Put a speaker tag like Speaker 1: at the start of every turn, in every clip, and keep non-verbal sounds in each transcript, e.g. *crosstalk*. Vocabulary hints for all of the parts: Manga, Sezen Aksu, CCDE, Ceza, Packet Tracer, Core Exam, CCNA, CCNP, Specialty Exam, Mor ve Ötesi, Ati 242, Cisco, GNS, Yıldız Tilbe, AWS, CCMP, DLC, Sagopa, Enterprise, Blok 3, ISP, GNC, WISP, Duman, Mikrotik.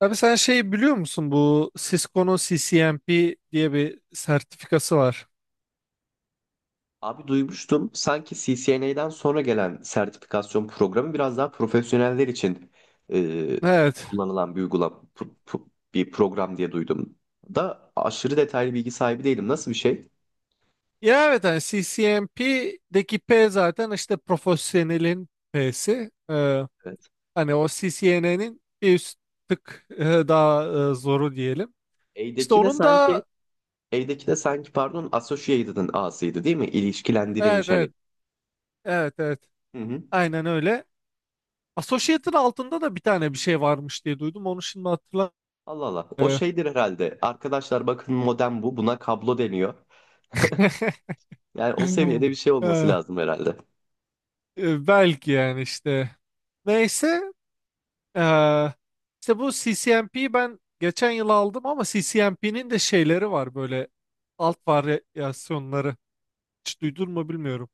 Speaker 1: Abi sen şey biliyor musun, bu Cisco'nun CCNP diye bir sertifikası var.
Speaker 2: Abi duymuştum sanki CCNA'den sonra gelen sertifikasyon programı biraz daha profesyoneller için e,
Speaker 1: Evet.
Speaker 2: kullanılan bir uygulama bir program diye duydum. Da aşırı detaylı bilgi sahibi değilim. Nasıl bir şey?
Speaker 1: Ya evet hani CCNP'deki P zaten işte profesyonelin P'si.
Speaker 2: Evet.
Speaker 1: Hani o CCNA'nin bir üst tık daha zoru diyelim. İşte
Speaker 2: A'deki de
Speaker 1: onun
Speaker 2: sanki
Speaker 1: da
Speaker 2: A'deki de sanki pardon Associated'ın A'sıydı değil mi?
Speaker 1: evet
Speaker 2: İlişkilendirilmiş
Speaker 1: evet
Speaker 2: hani.
Speaker 1: evet evet
Speaker 2: Hı hı.
Speaker 1: aynen öyle. Associate'ın altında da bir tane bir şey varmış diye duydum. Onu şimdi hatırlamıyorum.
Speaker 2: Allah Allah. O
Speaker 1: Ee,
Speaker 2: şeydir herhalde. Arkadaşlar bakın modem bu. Buna kablo deniyor.
Speaker 1: *laughs*
Speaker 2: Yani o seviyede bir şey olması
Speaker 1: e,
Speaker 2: lazım herhalde.
Speaker 1: belki yani işte. Neyse. Ee, işte bu C C M P'yi ben geçen yıl aldım ama C C M P'nin de şeyleri var böyle, alt varyasyonları. Hiç duydun mu bilmiyorum.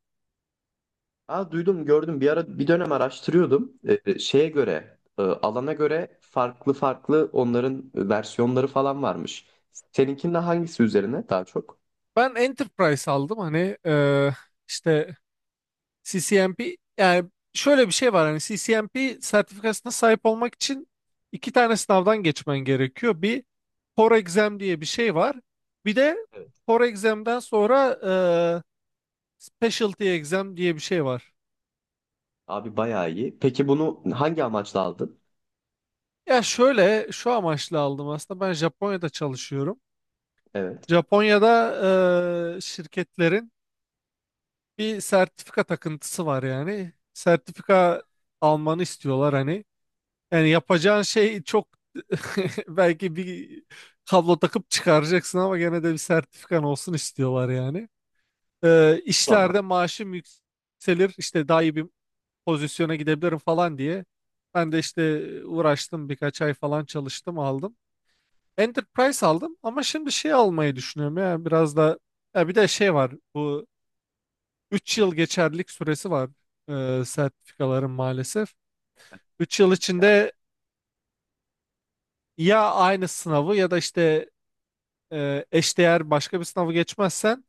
Speaker 2: Aa, duydum gördüm bir ara bir dönem araştırıyordum. Şeye göre alana göre farklı farklı onların versiyonları falan varmış. Seninkinde hangisi üzerine daha çok?
Speaker 1: Ben Enterprise aldım hani, işte C C M P. Yani şöyle bir şey var, hani C C M P sertifikasına sahip olmak için iki tane sınavdan geçmen gerekiyor. Bir, Core Exam diye bir şey var. Bir de
Speaker 2: Evet.
Speaker 1: Core Exam'den sonra e, Specialty Exam diye bir şey var.
Speaker 2: Abi bayağı iyi. Peki bunu hangi amaçla aldın?
Speaker 1: Ya şöyle şu amaçla aldım, aslında ben Japonya'da çalışıyorum.
Speaker 2: Evet.
Speaker 1: Japonya'da şirketlerin bir sertifika takıntısı var yani. Sertifika almanı istiyorlar hani. Yani yapacağın şey çok, *laughs* belki bir kablo takıp çıkaracaksın ama gene de bir sertifikan olsun istiyorlar yani.
Speaker 2: Valla.
Speaker 1: İşlerde maaşım yükselir, işte daha iyi bir pozisyona gidebilirim falan diye. Ben de işte uğraştım, birkaç ay falan çalıştım, aldım. Enterprise aldım ama şimdi şey almayı düşünüyorum, ya biraz da, ya bir de şey var, bu 3 yıl geçerlilik süresi var sertifikaların maalesef. Üç yıl içinde ya aynı sınavı ya da işte eşdeğer başka bir sınavı geçmezsen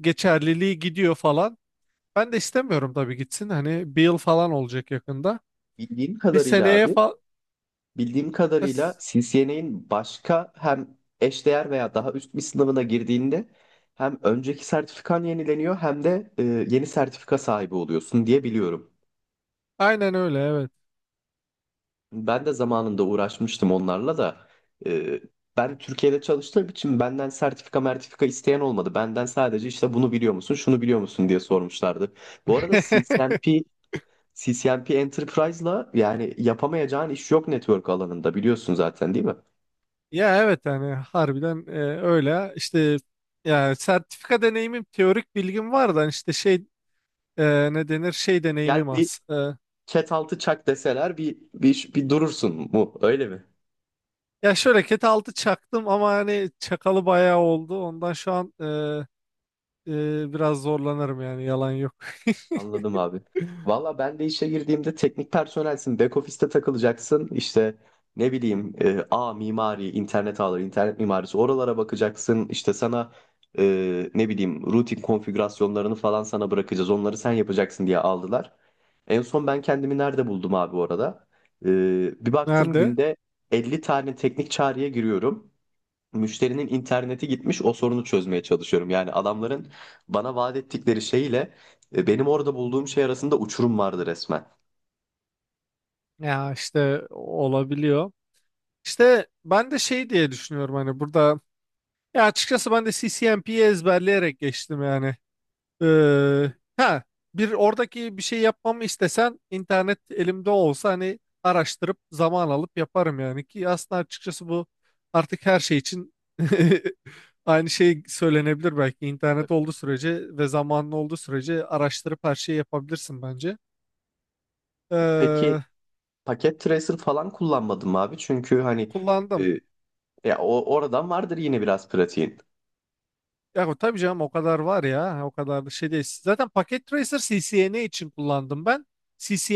Speaker 1: geçerliliği gidiyor falan. Ben de istemiyorum tabii gitsin, hani bir yıl falan olacak yakında.
Speaker 2: Bildiğim
Speaker 1: Bir
Speaker 2: kadarıyla
Speaker 1: seneye
Speaker 2: abi,
Speaker 1: falan
Speaker 2: bildiğim kadarıyla CCNA'in başka hem eşdeğer veya daha üst bir sınavına girdiğinde hem önceki sertifikan yenileniyor hem de yeni sertifika sahibi oluyorsun diye biliyorum.
Speaker 1: aynen öyle, evet.
Speaker 2: Ben de zamanında uğraşmıştım onlarla da. Ee, Ben Türkiye'de çalıştığım için benden sertifika mertifika isteyen olmadı. Benden sadece işte bunu biliyor musun, şunu biliyor musun diye sormuşlardı. Bu arada
Speaker 1: *laughs*
Speaker 2: CCNP Enterprise'la yani yapamayacağın iş yok network alanında biliyorsun zaten değil mi?
Speaker 1: Ya evet hani harbiden öyle işte, yani sertifika deneyimim, teorik bilgim var da hani işte şey, ne denir, şey
Speaker 2: Gel
Speaker 1: deneyimim
Speaker 2: bir
Speaker 1: az.
Speaker 2: chat altı çak deseler bir durursun mu öyle mi?
Speaker 1: Ya şöyle ket altı çaktım ama hani çakalı bayağı oldu, ondan şu an biraz zorlanırım yani, yalan yok. *laughs*
Speaker 2: Anladım abi. Valla ben de işe girdiğimde teknik personelsin. Back office'te takılacaksın. İşte ne bileyim A mimari, internet ağları, internet mimarisi oralara bakacaksın. İşte sana ne bileyim routing konfigürasyonlarını falan sana bırakacağız. Onları sen yapacaksın diye aldılar. En son ben kendimi nerede buldum abi orada? E, Bir baktım
Speaker 1: Nerede?
Speaker 2: günde 50 tane teknik çağrıya giriyorum, müşterinin interneti gitmiş, o sorunu çözmeye çalışıyorum. Yani adamların bana vaat ettikleri şeyle benim orada bulduğum şey arasında uçurum vardı resmen.
Speaker 1: Ya işte olabiliyor. İşte ben de şey diye düşünüyorum, hani burada, ya açıkçası ben de C C M P'yi ezberleyerek geçtim yani. Ha bir, oradaki bir şey yapmamı istesen, internet elimde olsa hani araştırıp zaman alıp yaparım yani, ki aslında açıkçası bu artık her şey için *laughs* aynı şey söylenebilir belki, internet olduğu sürece ve zamanlı olduğu sürece araştırıp her şeyi yapabilirsin bence.
Speaker 2: Peki
Speaker 1: Ee,
Speaker 2: paket tracer falan kullanmadım abi, çünkü hani
Speaker 1: kullandım.
Speaker 2: e, ya o oradan vardır yine biraz pratiğin.
Speaker 1: Ya tabii canım, o kadar var ya, o kadar da şey değil. Zaten Packet Tracer CCNA için kullandım ben.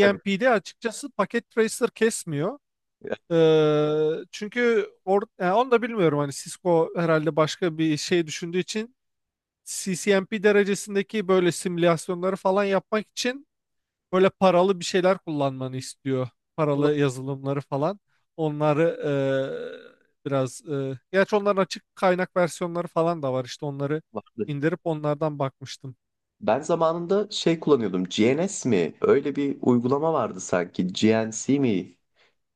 Speaker 2: Tabii.
Speaker 1: açıkçası Packet Tracer kesmiyor.
Speaker 2: Ya,
Speaker 1: Çünkü or, yani onu da bilmiyorum, hani Cisco herhalde başka bir şey düşündüğü için CCNP derecesindeki böyle simülasyonları falan yapmak için böyle paralı bir şeyler kullanmanı istiyor.
Speaker 2: Allah
Speaker 1: Paralı yazılımları falan. Onları biraz gerçi onların açık kaynak versiyonları falan da var, işte onları
Speaker 2: vardı.
Speaker 1: indirip onlardan bakmıştım.
Speaker 2: Ben zamanında şey kullanıyordum. GNS mi? Öyle bir uygulama vardı sanki. GNC mi?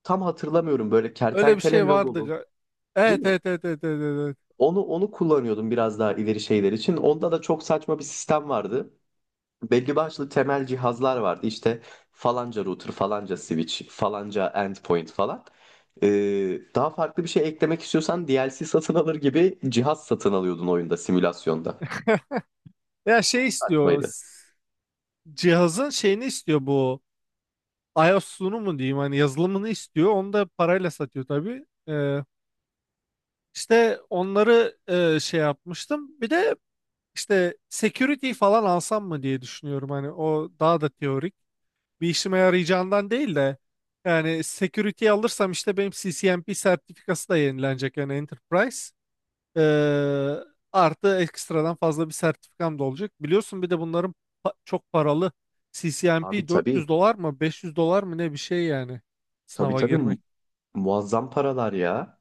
Speaker 2: Tam hatırlamıyorum. Böyle
Speaker 1: Öyle bir
Speaker 2: kertenkele
Speaker 1: şey vardı.
Speaker 2: logolu, değil
Speaker 1: Evet
Speaker 2: mi?
Speaker 1: evet evet evet evet. Evet. Evet.
Speaker 2: Onu kullanıyordum biraz daha ileri şeyler için. Onda da çok saçma bir sistem vardı. Belli başlı temel cihazlar vardı. İşte falanca router, falanca switch, falanca endpoint falan. Daha farklı bir şey eklemek istiyorsan DLC satın alır gibi cihaz satın alıyordun oyunda, simülasyonda.
Speaker 1: Ya şey istiyor
Speaker 2: Saçmaydı.
Speaker 1: cihazın şeyini istiyor bu. iOS'unu mu diyeyim, hani yazılımını istiyor. Onu da parayla satıyor tabii. İşte onları şey yapmıştım. Bir de işte security falan alsam mı diye düşünüyorum. Hani o daha da teorik. Bir işime yarayacağından değil de, yani security alırsam işte benim CCNP sertifikası da yenilenecek yani, Enterprise. Ee, artı ekstradan fazla bir sertifikam da olacak. Biliyorsun bir de bunların çok paralı.
Speaker 2: Abi
Speaker 1: CCNP
Speaker 2: tabii.
Speaker 1: 400 dolar mı 500 dolar mı ne, bir şey yani
Speaker 2: Tabii
Speaker 1: sınava
Speaker 2: tabii,
Speaker 1: girmek.
Speaker 2: muazzam paralar ya.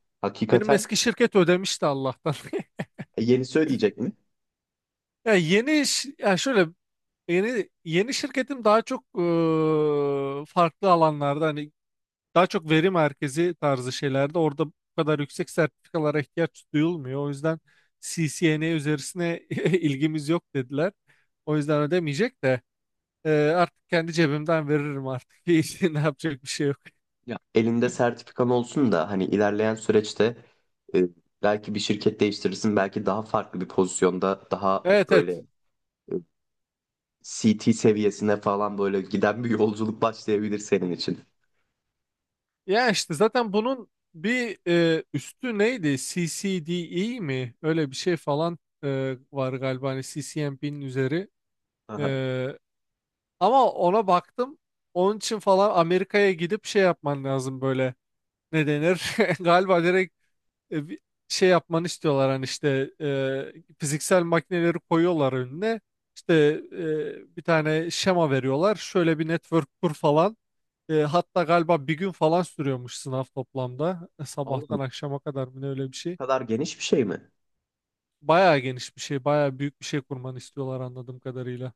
Speaker 1: Benim
Speaker 2: Hakikaten.
Speaker 1: eski şirket ödemişti Allah'tan. *laughs*
Speaker 2: Yenisi ödeyecek mi?
Speaker 1: Ya yeni ya şöyle, yeni yeni şirketim daha çok farklı alanlarda hani. Daha çok veri merkezi tarzı şeylerde, orada bu kadar yüksek sertifikalara ihtiyaç duyulmuyor. O yüzden CCNA üzerisine *laughs* ilgimiz yok dediler. O yüzden ödemeyecek de artık kendi cebimden veririm artık. *laughs* Hiç. Ne yapacak bir şey yok.
Speaker 2: Ya elinde sertifikan olsun da hani ilerleyen süreçte e, belki bir şirket değiştirirsin, belki daha farklı bir pozisyonda, daha
Speaker 1: Evet,
Speaker 2: böyle
Speaker 1: evet.
Speaker 2: e, C T seviyesine falan böyle giden bir yolculuk başlayabilir senin için.
Speaker 1: Ya işte zaten bunun bir üstü neydi? CCDE mi? Öyle bir şey falan var galiba, hani CCNP'nin üzeri.
Speaker 2: Aha.
Speaker 1: E, ama ona baktım. Onun için falan Amerika'ya gidip şey yapman lazım böyle. Ne denir? *laughs* Galiba direkt bir şey yapmanı istiyorlar, hani işte fiziksel makineleri koyuyorlar önüne. İşte bir tane şema veriyorlar. Şöyle bir network kur falan. Hatta galiba bir gün falan sürüyormuş sınav toplamda.
Speaker 2: Oğlum,
Speaker 1: Sabahtan akşama kadar mı ne, öyle bir
Speaker 2: bu
Speaker 1: şey.
Speaker 2: kadar geniş bir şey mi?
Speaker 1: Bayağı geniş bir şey, bayağı büyük bir şey kurmanı istiyorlar anladığım kadarıyla.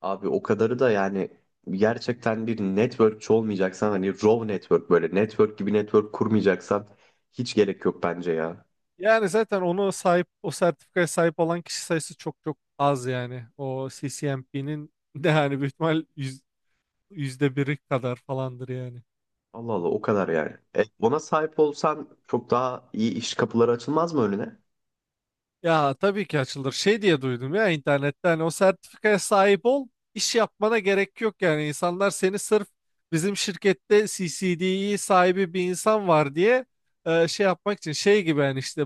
Speaker 2: Abi o kadarı da yani gerçekten bir networkçi olmayacaksan, hani raw network, böyle network gibi network kurmayacaksan hiç gerek yok bence ya.
Speaker 1: Yani zaten onu sahip, o sertifikaya sahip olan kişi sayısı çok çok az yani. O CCMP'nin *laughs* de yani büyük ihtimal yüzde biri kadar falandır yani.
Speaker 2: Allah Allah, o kadar yani. Ona sahip olsan çok daha iyi iş kapıları açılmaz mı önüne?
Speaker 1: Ya tabii ki açılır. Şey diye duydum ya internette, hani o sertifikaya sahip ol, iş yapmana gerek yok yani. İnsanlar seni sırf bizim şirkette CCD'yi sahibi bir insan var diye şey yapmak için şey gibi yani, işte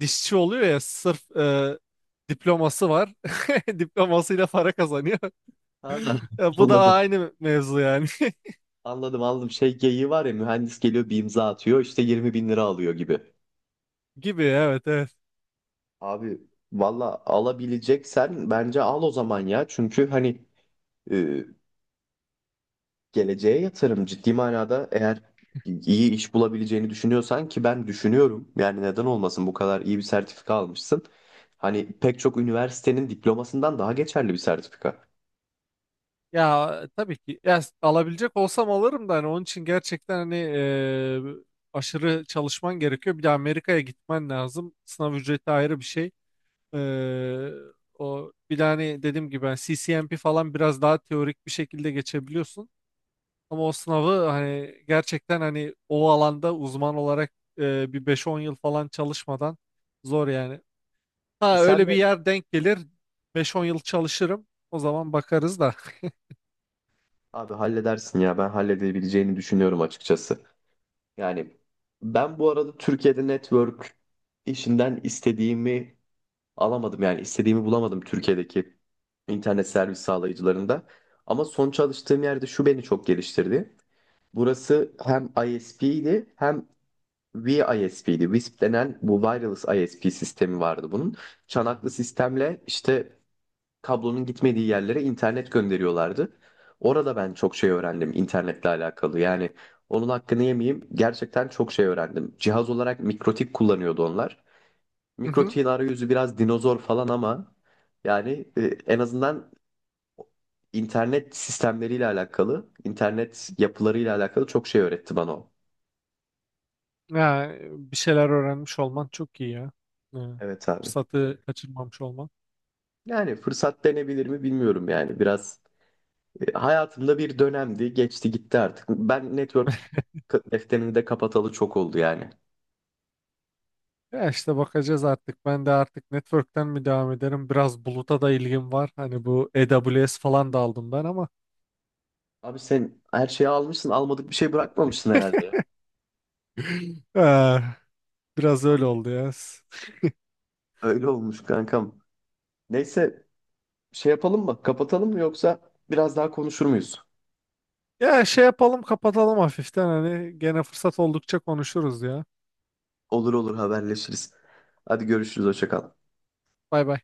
Speaker 1: dişçi oluyor ya sırf diploması var. *laughs* Diplomasıyla para kazanıyor. *laughs*
Speaker 2: Ha, *laughs*
Speaker 1: Ya bu da
Speaker 2: anladım.
Speaker 1: aynı mevzu yani.
Speaker 2: Anladım, anladım. Şey geyiği var ya, mühendis geliyor bir imza atıyor, işte 20 bin lira alıyor gibi.
Speaker 1: *laughs* gibi, evet evet.
Speaker 2: Abi valla alabileceksen bence al o zaman ya. Çünkü hani e, geleceğe yatırım, ciddi manada eğer iyi iş bulabileceğini düşünüyorsan, ki ben düşünüyorum. Yani neden olmasın, bu kadar iyi bir sertifika almışsın. Hani pek çok üniversitenin diplomasından daha geçerli bir sertifika.
Speaker 1: Ya tabii ki ya, alabilecek olsam alırım da, hani onun için gerçekten hani aşırı çalışman gerekiyor. Bir de Amerika'ya gitmen lazım. Sınav ücreti ayrı bir şey. E, o bir de hani dediğim gibi, hani C C M P falan biraz daha teorik bir şekilde geçebiliyorsun. Ama o sınavı hani gerçekten hani o alanda uzman olarak bir beş-on yıl falan çalışmadan zor yani. Ha
Speaker 2: Sen
Speaker 1: öyle bir
Speaker 2: de
Speaker 1: yer denk gelir, beş-on yıl çalışırım. O zaman bakarız da.
Speaker 2: Abi halledersin ya, ben halledebileceğini düşünüyorum açıkçası. Yani ben bu arada Türkiye'de network işinden istediğimi alamadım, yani istediğimi bulamadım Türkiye'deki internet servis sağlayıcılarında. Ama son çalıştığım yerde şu beni çok geliştirdi. Burası hem ISP'ydi hem WISP'ydi. WISP denen bu wireless ISP sistemi vardı bunun. Çanaklı sistemle işte kablonun gitmediği yerlere internet gönderiyorlardı. Orada ben çok şey öğrendim internetle alakalı. Yani onun hakkını yemeyeyim, gerçekten çok şey öğrendim. Cihaz olarak mikrotik kullanıyordu onlar.
Speaker 1: *laughs* Hı hı.
Speaker 2: Mikrotiğin arayüzü biraz dinozor falan ama yani en azından internet sistemleriyle alakalı, internet yapılarıyla alakalı çok şey öğretti bana o.
Speaker 1: Ya, bir şeyler öğrenmiş olman çok iyi ya. Ya,
Speaker 2: Evet abi.
Speaker 1: fırsatı kaçırmamış olman.
Speaker 2: Yani fırsat denebilir mi bilmiyorum yani. Biraz. Hayatımda bir dönemdi, geçti gitti artık. Ben network defterini de kapatalı çok oldu yani.
Speaker 1: Ya işte bakacağız artık. Ben de artık network'ten mi devam ederim? Biraz buluta da ilgim var. Hani bu AWS falan da aldım ben ama
Speaker 2: Abi sen her şeyi almışsın, almadık bir şey bırakmamışsın herhalde ya.
Speaker 1: eh, biraz öyle oldu ya.
Speaker 2: Öyle olmuş kankam. Neyse, şey yapalım mı? Kapatalım mı yoksa biraz daha konuşur muyuz?
Speaker 1: Ya şey yapalım, kapatalım hafiften, hani gene fırsat oldukça konuşuruz ya.
Speaker 2: Olur olur, haberleşiriz. Hadi görüşürüz, hoşça kal.
Speaker 1: Bay bay.